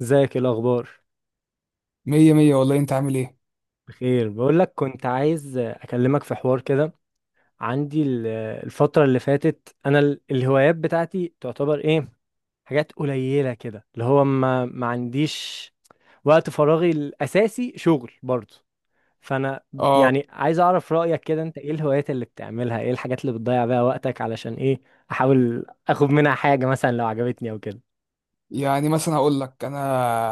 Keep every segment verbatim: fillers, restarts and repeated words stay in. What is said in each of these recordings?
ازيك؟ ايه الاخبار؟ مية مية والله، انت عامل ايه؟ بخير، بقول لك كنت عايز اكلمك في حوار كده. عندي ال- الفتره اللي فاتت انا ال- الهوايات بتاعتي تعتبر ايه؟ حاجات قليله كده اللي هو ما ما عنديش وقت، فراغي الاساسي شغل برضه. فانا اه. يعني عايز اعرف رايك كده، انت ايه الهوايات اللي بتعملها؟ ايه الحاجات اللي بتضيع بيها وقتك؟ علشان ايه احاول اخد منها حاجه مثلا لو عجبتني او كده. يعني مثلا هقول لك انا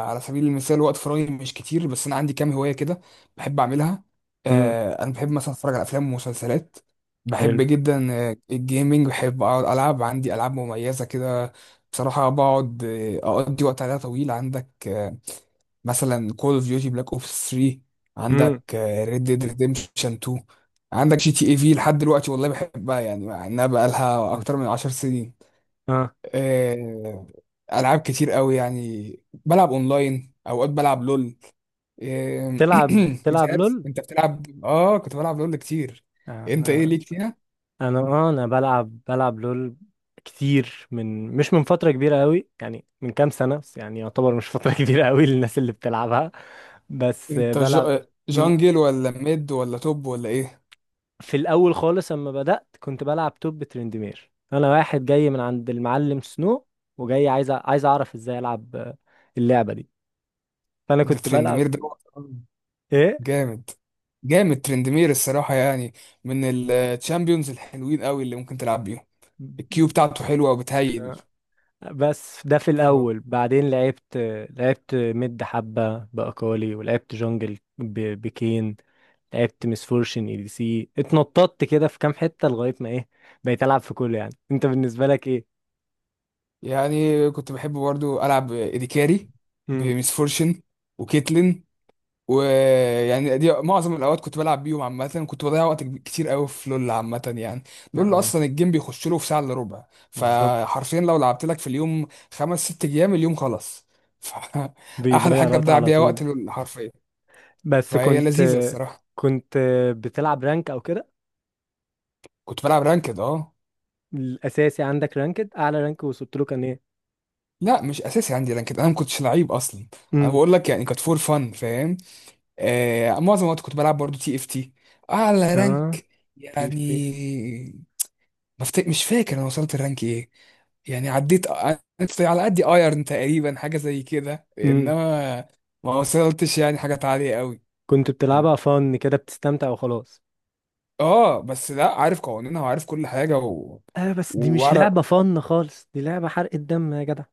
على سبيل المثال، وقت فراغي مش كتير، بس انا عندي كام هواية كده بحب اعملها. امم. آه انا بحب مثلا اتفرج على افلام ومسلسلات، حلو. بحب جدا. آه، الجيمنج بحب اقعد العب، عندي العاب مميزة كده. بصراحة بقعد، آه، اقضي وقت عليها طويل. عندك، آه، مثلا كول اوف ديوتي بلاك اوبس تلاتة، امم. عندك ريد ديد ريديمشن اتنين، عندك جي تي اي في لحد دلوقتي والله بحبها، يعني مع انها بقالها اكتر بس من 10 سنين. اه، آه، العاب كتير قوي، يعني بلعب اونلاين، اوقات بلعب لول. آه، تلعب مش تلعب عارف لول؟ انت بتلعب؟ اه، كنت بلعب لول كتير. آه، انت ايه ليك فيها؟ انا اه انا بلعب بلعب لول كتير، من مش من فترة كبيرة قوي يعني، من كام سنة بس، يعني يعتبر مش فترة كبيرة قوي للناس اللي بتلعبها، بس انت ج- بلعب. آه، مم. جانجل ولا ميد ولا توب ولا ايه؟ في الاول خالص اما بدأت كنت بلعب توب ترندمير، انا واحد جاي من عند المعلم سنو وجاي عايز أ- عايز اعرف ازاي العب اللعبة دي، فانا انت كنت بلعب. ترندمير ده ايه. جامد، جامد ترندمير الصراحة، يعني من الشامبيونز الحلوين قوي اللي ممكن تلعب بيهم، الكيو بتاعته حلوة آه. وبتهيل. بس ده في ف- الاول، بعدين لعبت لعبت مid حبة باكالي، ولعبت جونجل ب- بكين، لعبت مسفورشن اي دي سي، اتنططت كده في كام حتة لغاية ما ايه، بقيت العب في كله يعني. انت بالنسبة لك ايه؟ يعني كنت بحب برضو ألعب إديكاري، امم. بميس فورشن، وكيتلين، ويعني دي معظم الاوقات كنت بلعب بيهم. عامه كنت بضيع وقت كب- كتير قوي في لول، عامه يعني لول اه. اصلا الجيم بيخش له في ساعه الا ربع. بالظبط، فحرفيا لو لعبت لك في اليوم خمس ست ايام، اليوم خلاص. ف- احلى بيضيع حاجه الوقت تضيع على بيها طول. وقت لول حرفيا، بس فهي كنت، لذيذه الصراحه. كنت بتلعب رانك او كده؟ كنت بلعب رانكد، اه. الاساسي عندك رانكد؟ اعلى رانك وصلت له كان ايه؟ لا مش اساسي عندي رانكد، انا ما كنتش لعيب اصلا، انا امم. بقول لك يعني كانت فور فن، فاهم؟ آه معظم الوقت كنت بلعب برضو تي اف تي، اعلى اه. رانك تيف تيف. يعني بفت... مش فاكر انا وصلت الرانك ايه. يعني عديت عديت على قد ايرن تقريبا حاجه زي كده، امم. انما ما وصلتش يعني حاجات عاليه قوي. كنت بتلعبها فن كده، بتستمتع وخلاص. اه بس لا، عارف قوانينها وعارف كل حاجه و... اه بس دي مش وعارف. لعبة فن خالص، دي لعبة حرق الدم يا جدع.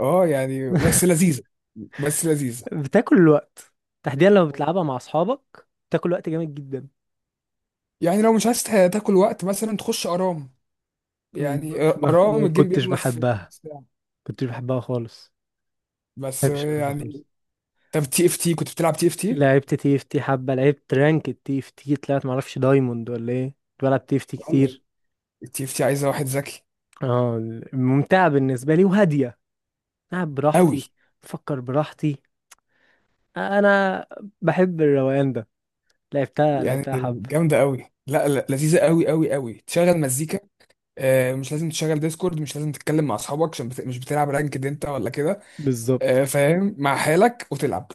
اه يعني بس لذيذه، بس لذيذه. بتاكل الوقت، تحديدا لما بتلعبها مع اصحابك بتاكل وقت جامد جدا. يعني لو مش عايز تا- تاكل وقت، مثلا تخش ارام. يعني ب- ما, ما ارام الجيم كنتش بيخلص في بحبها، نص ساعه، كنتش بحبها خالص، ما بس بحبش العبها خالص. يعني. طب تي اف تي، كنت بتلعب تي اف تي؟ لعبت تي اف تي حبه، لعبت رانك تي اف تي، طلعت معرفش دايموند ولا ايه، كنت بلعب تي اف تي كتير. التي اف تي عايزه واحد ذكي اه. ممتعه بالنسبه لي وهاديه، العب قوي، براحتي، افكر براحتي، انا بحب الروقان ده. لعبتها يعني لعبتها حبه. جامدة قوي، لا لا لذيذة قوي قوي قوي، تشغل مزيكا. آه، مش لازم تشغل ديسكورد، مش لازم تتكلم مع اصحابك عشان بت... مش بتلعب رانكد انت ولا كده. بالظبط. آه، فاهم؟ مع حالك وتلعب،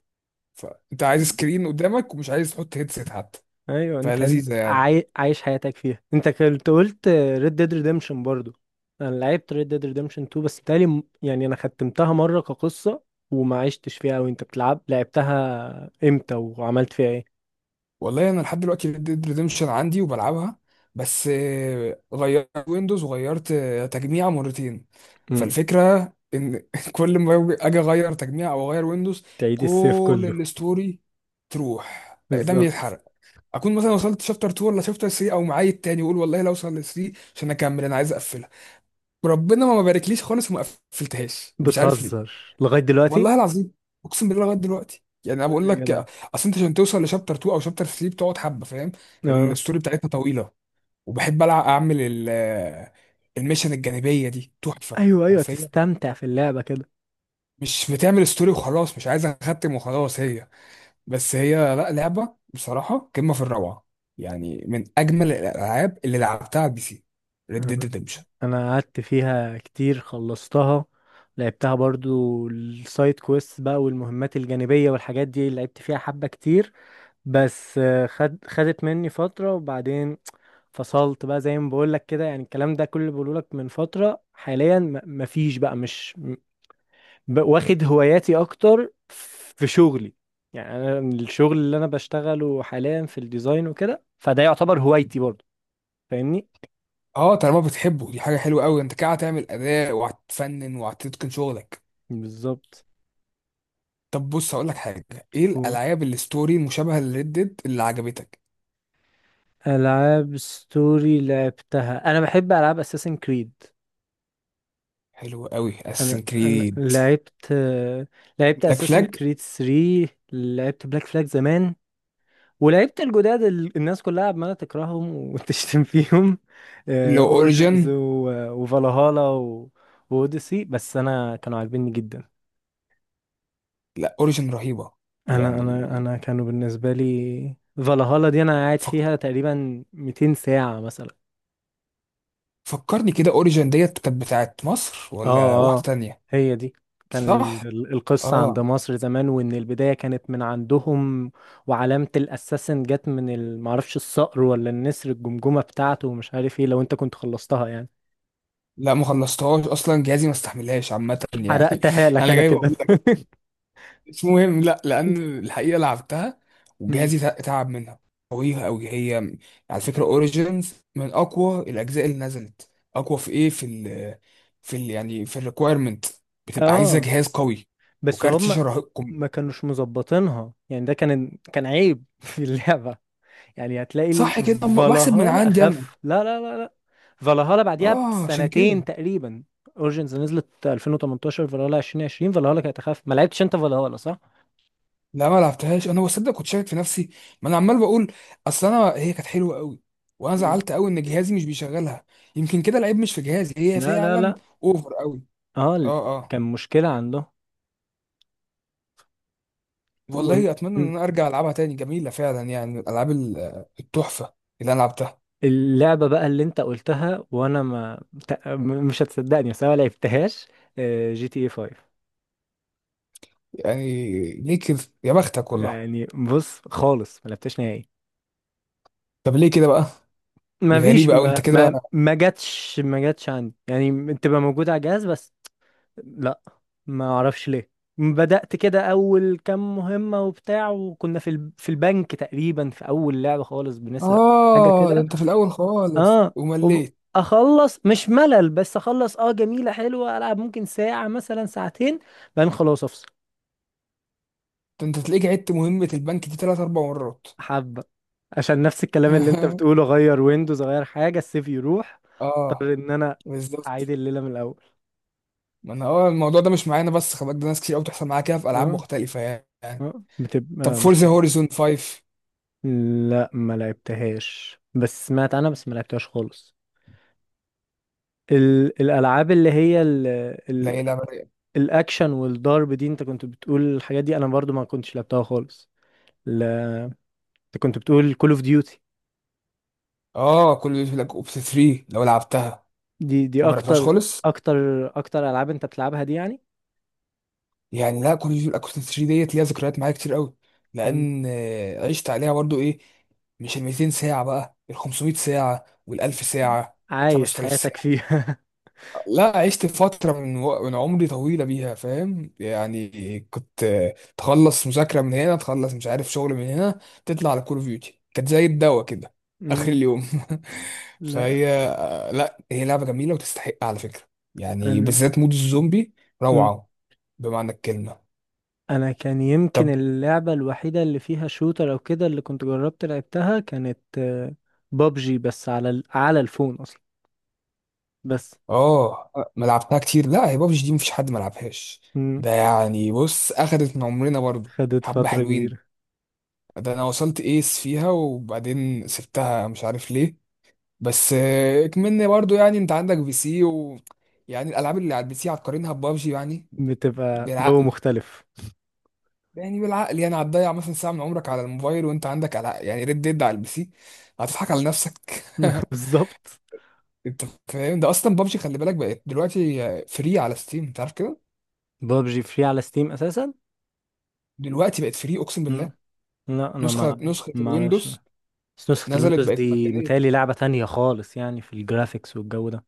فانت عايز سكرين قدامك ومش عايز تحط هيدسيت حتى، ايوه، انت انت فلذيذة يعني. عاي... عايش حياتك فيها. انت كنت قلت ريد ديد ريديمشن برضو، انا لعبت ريد ديد ريديمشن اتنين بس، تالي م- يعني انا ختمتها مره كقصه وما عشتش فيها. وانت بتلعب لعبتها امتى وعملت فيها ايه؟ والله انا لحد دلوقتي ريد ديد ريديمشن عندي وبلعبها، بس آه، غيرت ويندوز وغيرت آه، تجميع مرتين. امم. فالفكره ان كل ما أجي- اجي اغير تجميع او اغير ويندوز، تعيد السيف كل كله. الستوري تروح قدامي، بالظبط. يتحرق. اكون مثلا وصلت شابتر اتنين ولا شابتر تلاتة او معايا التاني، واقول والله لو اوصل ل تلاتة عشان اكمل، انا عايز اقفلها، وربنا ما باركليش خالص وما قفلتهاش، مش عارف. بتهزر لغايه دلوقتي؟ والله العظيم، اقسم بالله لغايه دلوقتي، يعني انا لا بقول يا لك جدع. اصل انت عشان توصل لشابتر اتنين او شابتر تلاتة بتقعد حبه، فاهم؟ اه. الستوري بتاعتها طويله، وبحب العب اعمل ال- الميشن الجانبيه دي تحفه. ايوه ايوه، حرفيا تستمتع في اللعبه كده. مش بتعمل ستوري وخلاص، مش عايز اختم وخلاص هي، بس هي لا، لعبه بصراحه قمه في الروعه، يعني من اجمل الالعاب اللي لعبتها على البي سي، ريد ديد ريدمشن. انا قعدت فيها كتير، خلصتها، لعبتها برضو السايد كويست بقى والمهمات الجانبية والحاجات دي، لعبت فيها حبة كتير، بس آه، خد خدت مني فترة وبعدين فصلت بقى. زي ما بقولك كده يعني، الكلام ده كله بقولك من فترة، حاليا م- مفيش بقى، مش م- ب- واخد هواياتي اكتر في شغلي. يعني انا الشغل اللي انا بشتغله حاليا في الديزاين وكده، فده يعتبر هوايتي برضو، فاهمني. اه طالما بتحبه، دي حاجه حلوه قوي، انت كده هتعمل اداء وهتفنن وهتتقن شغلك. بالظبط. طب بص هقول لك حاجه، ايه الالعاب الستوري مشابهه لريد ديد اللي عجبتك؟ ألعاب ستوري لعبتها، أنا بحب ألعاب أساسن كريد. حلو قوي أنا اساسن أنا كريد، لعبت، لعبت بلاك أساسن فلاج، كريد تلاتة، لعبت بلاك فلاج زمان، ولعبت الجداد اللي الناس كلها عمالة تكرههم وتشتم فيهم، لو أورجنز اوريجن. وفالهالا وأوديسي، بس أنا كانوا عاجبيني جدا. لا اوريجن رهيبه، أنا يعني أنا أنا كانوا بالنسبة لي، فالهالا دي أنا قاعد فك... فيها تقريبا مئتين ساعة مثلا. فكرني كده، اوريجن ديت كانت بتاعت مصر ولا اه واحده اه، تانية؟ هي دي. كان صح، ال- ال- القصة عند اه. مصر زمان، وإن البداية كانت من عندهم، وعلامة الأساسن جت من ال- معرفش الصقر ولا النسر، الجمجمة بتاعته ومش عارف ايه، لو انت كنت خلصتها يعني. لا ما خلصتهاش اصلا، جهازي ما استحملهاش عامه يعني حرقتها لك انا أنا جاي كده. بقول مش مهم، لا لان الحقيقه لعبتها مم. وجهازي تع- تعب منها، قوية قوي هي. على فكره اوريجينز من اقوى الاجزاء اللي نزلت، اقوى في ايه؟ في ال في ال يعني في الريكويرمنت، بتبقى عايزه اه جهاز قوي بس وكارت هم شاشه رهيب، ما كانوش مظبطينها يعني، ده كان كان عيب في اللعبة، يعني هتلاقي ال- صح كده؟ أما بحسب من فالهالا عندي انا، اخف. لا لا لا لا، فالهالا بعديها اه عشان كده. بسنتين تقريبا، اورجنز نزلت ألفين وتمنتاشر، فالهالا ألفين وعشرين. فالهالا كانت اخف، ما لعبتش انت فالهالا صح؟ لا ما لعبتهاش، انا بصدق كنت شاكك في نفسي، ما انا عمال بقول اصل انا هي كانت حلوه قوي، وانا مم. زعلت قوي ان جهازي مش بيشغلها. يمكن كده العيب مش في جهازي، هي لا لا فعلا لا. اوفر قوي، اه ال- اه اه. كان مشكلة عنده. وإن- والله اتمنى ان م. انا ارجع العبها تاني، جميله فعلا، يعني من الالعاب ال- التحفه اللي انا لعبتها. اللعبة بقى اللي انت قلتها وانا ما، ت- م- مش هتصدقني بس انا ما لعبتهاش، آه، جي تي اي خمسة. يعني ليه كده؟ يا بختك والله. يعني بص خالص، ما لعبتهاش نهائي، طب ليه كده بقى؟ دي ما فيش غريبه قوي انت ما كده. ما ما جاتش، ما جاتش عندي، يعني تبقى موجودة على الجهاز بس. لا، ما اعرفش ليه. بدأت كده اول كام مهمة وبتاع، وكنا في ال... في البنك تقريبا في اول لعبة خالص بنسرق حاجة اه ده كده. انت في الاول خالص اه وب... ومليت، اخلص، مش ملل بس اخلص، اه جميلة حلوة، العب ممكن ساعة مثلا ساعتين، بعدين خلاص افصل. ده انت تلاقيك عدت مهمه البنك دي ثلاث اربع مرات حبة، عشان نفس الكلام اللي انت بتقوله، غير ويندوز، غير حاجة، السيف يروح، اه اضطر ان انا اعيد بالظبط. الليلة من الاول. ما انا اه الموضوع ده مش معانا، بس خلي بالك ده ناس كتير قوي بتحصل معاها كده في العاب اه. مختلفه، يعني. اه طب بتبقى فورزا مشكلة. هوريزون فايف؟ لا ما لعبتهاش، بس سمعت عنها، بس ما لعبتهاش خالص. ال... الالعاب اللي هي ال... لا ال... ايه، لعبه رايقة. الاكشن والضرب دي، انت كنت بتقول الحاجات دي، انا برضو ما كنتش لعبتها خالص. ال... انت كنت بتقول كول اوف ديوتي، اه، كل بيقول لك اوبس ثري لو لعبتها. دي دي ما جربتهاش اكتر، خالص. اكتر اكتر العاب انت بتلعبها دي يعني. يعني لا كوريجي والاكوستيك ثري ديت ليها ذكريات معايا كتير قوي، مم. لان آه، عشت عليها برضو ايه، مش ال ميتين ساعه بقى، ال خمسميه ساعه وال ألف ساعه، عايش خمس تلاف حياتك ساعه. فيها. لا عشت فتره من و... من عمري طويله بيها، فاهم؟ يعني كنت آه، تخلص مذاكره من هنا، تخلص مش عارف شغل من هنا، تطلع على كول اوف ديوتي، كانت زي الدواء كده اخر مم. اليوم لا فهي آه، لا هي لعبه جميله وتستحق على فكره، يعني انا، بالذات مود الزومبي مم. روعه بمعنى الكلمه. انا كان يمكن طب اللعبة الوحيدة اللي فيها شوتر او كده، اللي كنت جربت لعبتها، كانت بابجي بس على ال... على الفون اصلا بس. اه، ما لعبتها كتير لا، هي بابجي دي مفيش حد ما لعبهاش، مم. ده يعني بص اخدت من عمرنا برضو خدت حبة فترة حلوين. كبيرة. ده انا وصلت ايس فيها وبعدين سبتها، مش عارف ليه. بس آه، اكملني برضو يعني، انت عندك بي سي و يعني الالعاب اللي على البي سي هتقارنها ببابجي؟ يعني بتبقى جو بالعقل، مختلف. يعني بالعقل، يعني هتضيع مثلا ساعة من عمرك على الموبايل وانت عندك ألع- يعني ريد ديد على البي سي، هتضحك على نفسك بالظبط. انت فاهم ده؟ اصلا بابجي خلي بالك بقت دلوقتي فري على ستيم، انت عارف كده؟ بابجي فري على ستيم اساسا. دلوقتي بقت فري، اقسم بالله، مم. لا انا نسخه ما نسخه ما اعرفش. الويندوز بس نسخة نزلت الويندوز بقت دي مجانيه. متهيألي لعبة تانية خالص، يعني في الجرافيكس والجو ده.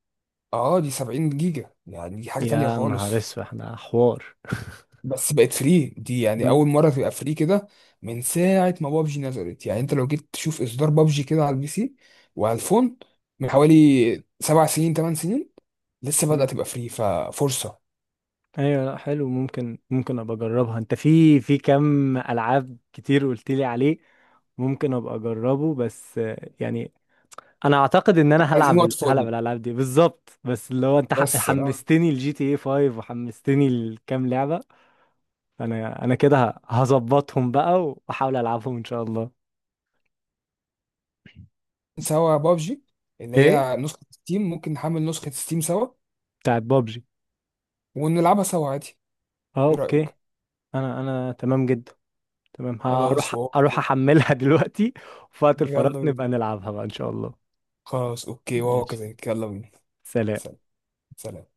اه دي سبعين جيجا، يعني دي حاجه تانية يا نهار خالص، اسود ده حوار. بس بقت فري دي، يعني مم. اول مره تبقى فري كده من ساعه ما بابجي نزلت. يعني انت لو جيت تشوف اصدار بابجي كده على البي سي وعلى الفون من حوالي سبع سنين، ثمان سنين، لسه مم. بدأت تبقى فري، ففرصه. ايوه لا حلو، ممكن ممكن ابقى اجربها، انت في في كم العاب كتير قلت لي عليه، ممكن ابقى اجربه، بس آه، يعني انا اعتقد ان انا احنا عايزين هلعب وقت ال- هلعب فاضي الالعاب دي بالظبط، بس اللي هو انت ح- بس اه. حمستني الجي تي اي خمسة، وحمستني لكام لعبه. انا انا كده ه- هظبطهم بقى واحاول العبهم ان شاء الله. سوا بابجي اللي ايه؟ هي نسخه ستيم، ممكن نحمل نسخه ستيم سوا بتاعت بابجي. ونلعبها سوا عادي، اه ايه اوكي. رأيك؟ انا انا تمام جدا، تمام، خلاص هروح واو، اروح احملها دلوقتي، وفي وقت يلا الفراغ بينا. نبقى نلعبها بقى ان شاء الله. خلاص اوكي، وهو ماشي، كذلك، يلا بينا. سلام. سلام. سلام.